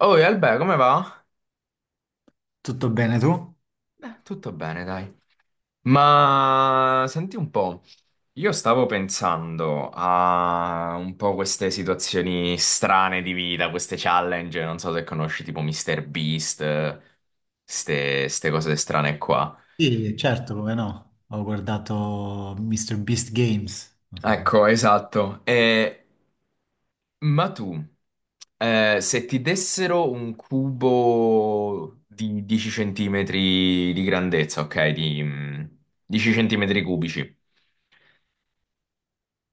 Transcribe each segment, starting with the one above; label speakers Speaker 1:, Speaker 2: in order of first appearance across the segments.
Speaker 1: Oh, e Albe, come va?
Speaker 2: Tutto bene tu?
Speaker 1: Tutto bene, dai. Ma senti un po', io stavo pensando a un po' queste situazioni strane di vita, queste challenge, non so se conosci tipo Mr. Beast, ste cose strane qua.
Speaker 2: Sì, certo, come no. Ho guardato Mr. Beast Games. Non so se...
Speaker 1: Ecco, esatto. Ma tu, se ti dessero un cubo di 10 centimetri di grandezza, ok, 10 centimetri cubici,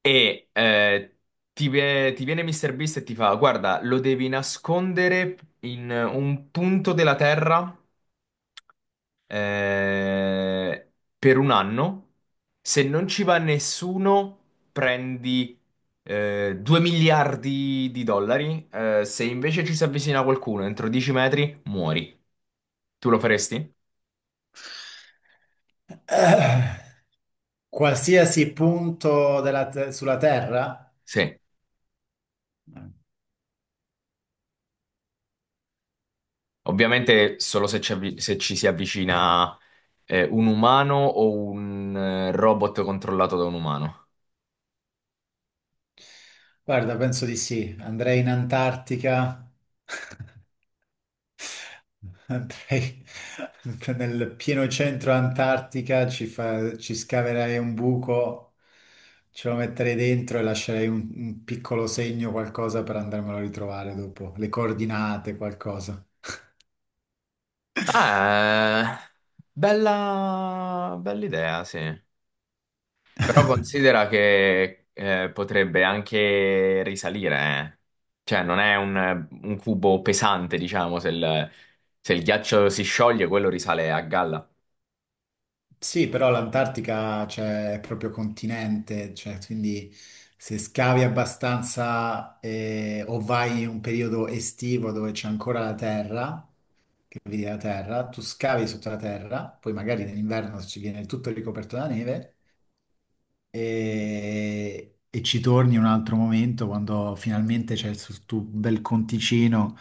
Speaker 1: E eh, ti viene Mr. Beast e ti fa: guarda, lo devi nascondere in un punto della Terra eh, per un anno. Se non ci va nessuno, prendi 2 miliardi di dollari. Se invece ci si avvicina qualcuno entro 10 metri, muori. Tu lo faresti?
Speaker 2: Eh, qualsiasi punto della te- sulla Terra?
Speaker 1: Sì, ovviamente solo se ci, avvi- se ci si avvicina. È un umano o un robot controllato da un umano?
Speaker 2: Guarda, penso di sì. Andrei in Antartica, andrei nel pieno centro Antartica, ci, fa- ci scaverei un buco, ce lo metterei dentro e lascerei un piccolo segno, qualcosa per andarmelo a ritrovare dopo, le coordinate, qualcosa.
Speaker 1: Ah, bella idea, sì. Però considera che potrebbe anche risalire, eh. Cioè non è un cubo pesante, diciamo, se il ghiaccio si scioglie, quello risale a galla.
Speaker 2: Sì, però l'Antartica cioè, è proprio continente, cioè, quindi se scavi abbastanza o vai in un periodo estivo dove c'è ancora la terra, che vedi la terra, tu scavi sotto la terra, poi magari nell'inverno ci viene tutto ricoperto da neve e ci torni un altro momento quando finalmente c'è il sul tuo bel conticino,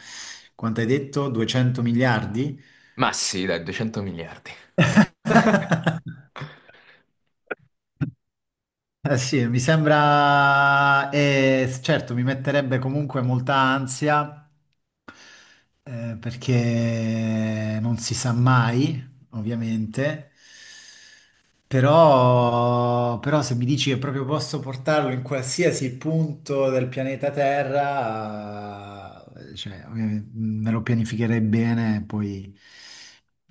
Speaker 2: quanto hai detto? 200 miliardi?
Speaker 1: Ma sì, dai, 200 miliardi.
Speaker 2: Eh sì, mi sembra, certo, mi metterebbe comunque molta ansia, perché non si sa mai, ovviamente, però, però se mi dici che proprio posso portarlo in qualsiasi punto del pianeta Terra, cioè, ovviamente, me lo pianificherei bene e poi,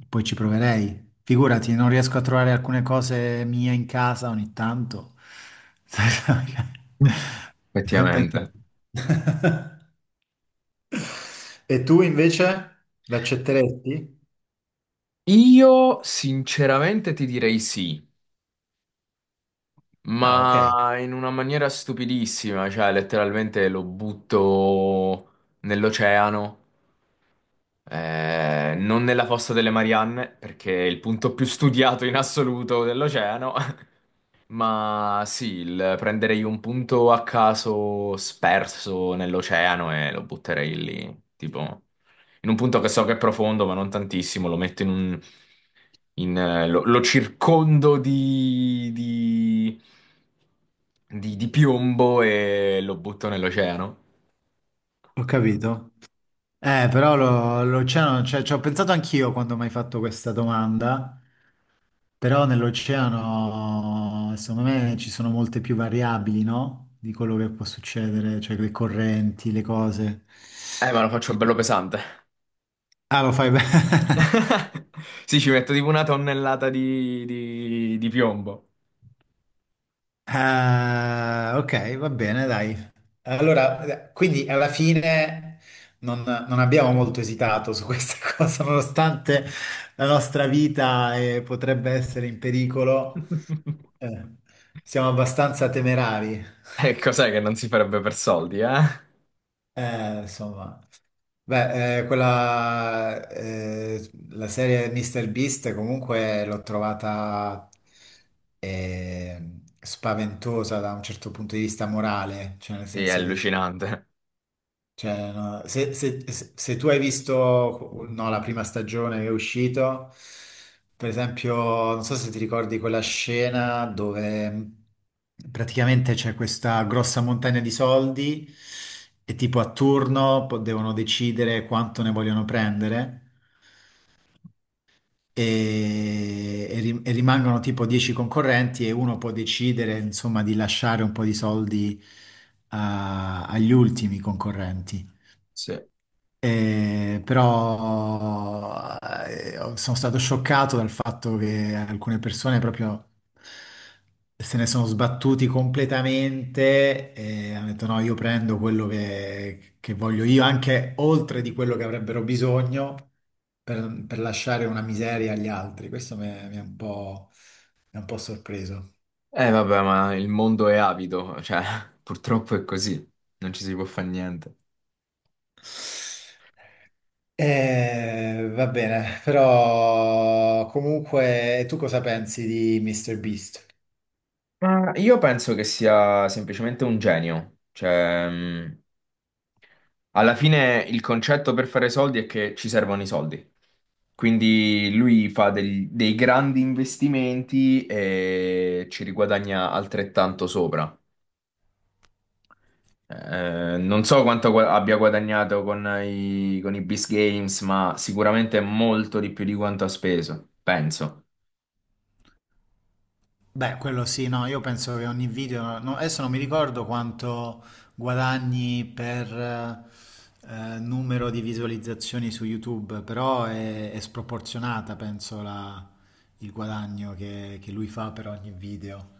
Speaker 2: poi ci proverei. Figurati, non riesco a trovare alcune cose mie in casa ogni tanto. Penso-
Speaker 1: Effettivamente.
Speaker 2: E tu invece l'accetteresti?
Speaker 1: Io sinceramente ti direi sì.
Speaker 2: Ah, ok,
Speaker 1: Ma in una maniera stupidissima, cioè letteralmente lo butto nell'oceano, non nella fossa delle Marianne, perché è il punto più studiato in assoluto dell'oceano. Ma sì, prenderei un punto a caso sperso nell'oceano e lo butterei lì, tipo in un punto che so che è profondo, ma non tantissimo, lo metto in un... lo circondo di di piombo e lo butto nell'oceano.
Speaker 2: ho capito. Però lo- l'oceano, cioè, ci ho pensato anch'io quando mi hai fatto questa domanda, però nell'oceano, secondo me, ci sono molte più variabili, no? Di quello che può succedere, cioè le correnti, le cose.
Speaker 1: Ma lo faccio
Speaker 2: E-
Speaker 1: bello pesante.
Speaker 2: Ah, lo fai bene.
Speaker 1: Sì, ci metto tipo una tonnellata di piombo.
Speaker 2: Ok, va bene, dai. Allora, quindi alla fine non abbiamo molto esitato su questa cosa, nonostante la nostra vita, potrebbe essere in pericolo. Eh, siamo abbastanza temerari,
Speaker 1: E cos'è che non si farebbe per soldi, eh?
Speaker 2: Insomma. Beh, quella, la serie Mr. Beast comunque l'ho trovata spaventosa da un certo punto di vista morale, cioè nel
Speaker 1: Sì, è
Speaker 2: senso che
Speaker 1: allucinante.
Speaker 2: cioè, no, se, se- se- se tu hai visto, no, la prima stagione che è uscito, per esempio, non so se ti ricordi quella scena dove praticamente c'è questa grossa montagna di soldi e tipo a turno po- devono decidere quanto ne vogliono prendere e ri- e rimangono tipo 10 concorrenti e uno può decidere, insomma, di lasciare un po' di soldi a- agli ultimi concorrenti.
Speaker 1: Sì.
Speaker 2: Però sono stato scioccato dal fatto che alcune persone proprio se ne sono sbattuti completamente e hanno detto no, io prendo quello che voglio io, anche oltre di quello che avrebbero bisogno per lasciare una miseria agli altri. Questo mi ha un po', mi ha un po' sorpreso.
Speaker 1: Vabbè, ma il mondo è avido, cioè, purtroppo è così. Non ci si può fare niente.
Speaker 2: Va bene, però comunque tu cosa pensi di Mr. Beast?
Speaker 1: Ma io penso che sia semplicemente un genio. Cioè, alla fine il concetto per fare soldi è che ci servono i soldi. Quindi lui fa dei grandi investimenti e ci riguadagna altrettanto sopra. Non so quanto abbia guadagnato con i Beast Games, ma sicuramente molto di più di quanto ha speso, penso.
Speaker 2: Beh, quello sì, no, io penso che ogni video, no, adesso non mi ricordo quanto guadagni per numero di visualizzazioni su YouTube, però è sproporzionata, penso, la- il guadagno che lui fa per ogni video.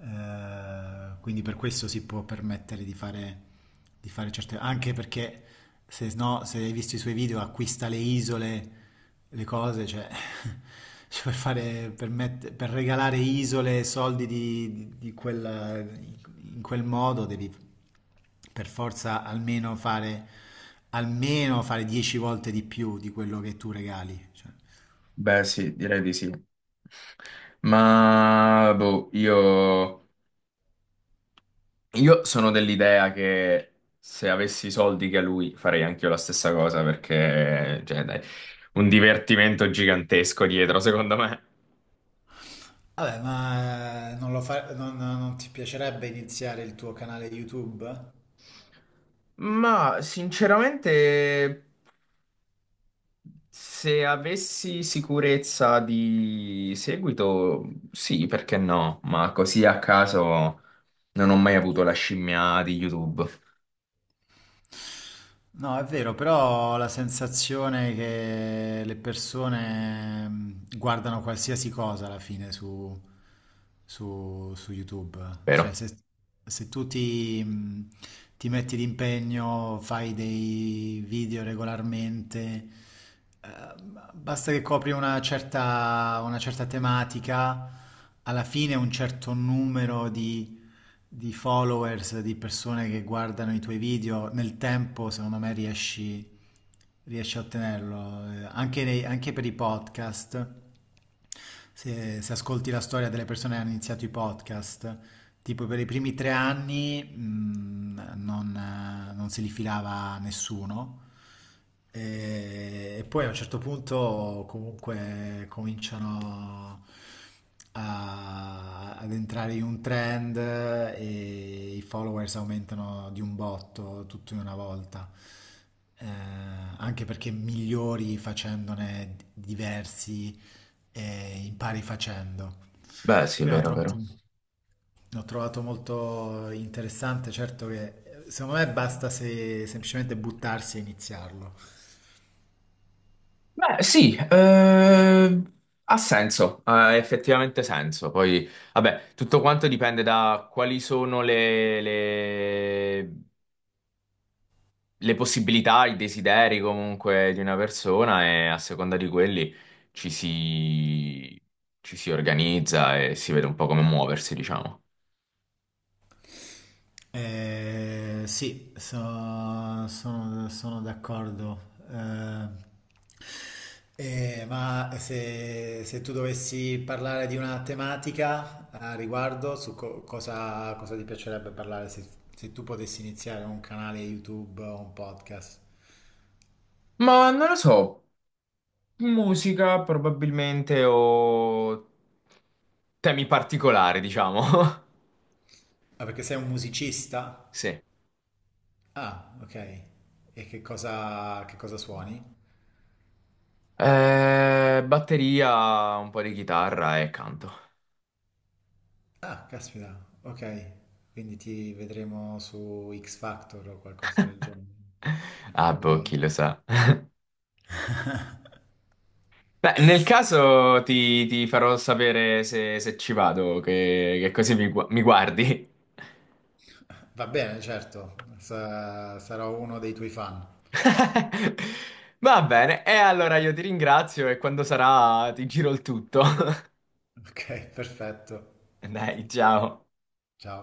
Speaker 2: Quindi per questo si può permettere di fare certe... anche perché se no, se hai visto i suoi video acquista le isole le cose, cioè, cioè, per fare, per mette- per regalare isole e soldi di quella- in quel modo devi per forza almeno fare 10 volte di più di quello che tu regali. Cioè.
Speaker 1: Beh, sì, direi di sì. Ma boh, io, io sono dell'idea che se avessi i soldi che ha lui farei anche io la stessa cosa perché, cioè, dai, un divertimento gigantesco dietro, secondo me.
Speaker 2: Vabbè, ma non lo fa- non ti piacerebbe iniziare il tuo canale YouTube?
Speaker 1: Ma sinceramente, se avessi sicurezza di seguito, sì, perché no? Ma così a caso non ho mai avuto la scimmia di YouTube,
Speaker 2: No, è vero, però ho la sensazione che le persone guardano qualsiasi cosa alla fine su, su- su YouTube. Cioè,
Speaker 1: vero?
Speaker 2: se, se tu ti, ti metti d'impegno, fai dei video regolarmente, eh, basta che copri una certa tematica, alla fine un certo numero di followers, di persone che guardano i tuoi video, nel tempo secondo me riesci, riesci a ottenerlo. Anche, nei- anche per i podcast, se, se ascolti la storia delle persone che hanno iniziato i podcast, tipo per i primi 3 anni non, non se li filava nessuno. E poi a un certo punto comunque cominciano, a- ad entrare in un trend e i followers aumentano di un botto tutto in una volta. Eh, anche perché migliori facendone diversi e impari facendo.
Speaker 1: Beh, sì, è
Speaker 2: Quindi ho
Speaker 1: vero,
Speaker 2: trovato,
Speaker 1: vero.
Speaker 2: l'ho trovato molto interessante, certo che secondo me basta se semplicemente buttarsi e iniziarlo.
Speaker 1: Beh, sì, ha senso, ha effettivamente senso. Poi, vabbè, tutto quanto dipende da quali sono le le possibilità, i desideri comunque di una persona e a seconda di quelli ci si, ci si organizza e si vede un po' come muoversi, diciamo.
Speaker 2: Sì, so- sono, sono d'accordo. Ma se, se tu dovessi parlare di una tematica a riguardo, su co- cosa, cosa ti piacerebbe parlare se, se tu potessi iniziare un canale YouTube o un podcast?
Speaker 1: Ma non lo so, musica probabilmente o temi particolari, diciamo.
Speaker 2: Ah, perché sei un musicista?
Speaker 1: Sì.
Speaker 2: Ah, ok. E che cosa suoni?
Speaker 1: Batteria, un po' di chitarra e canto.
Speaker 2: Ah, caspita, ok. Quindi ti vedremo su X Factor o qualcosa del genere.
Speaker 1: Ah, boh, chi
Speaker 2: Andrei-
Speaker 1: lo sa. Beh, nel caso ti farò sapere se ci vado, che così mi guardi.
Speaker 2: Va bene, certo, sa- sarò uno dei tuoi fan.
Speaker 1: Va bene, e allora io ti ringrazio e quando sarà ti giro il tutto.
Speaker 2: Ok, perfetto.
Speaker 1: Dai, ciao.
Speaker 2: Ciao.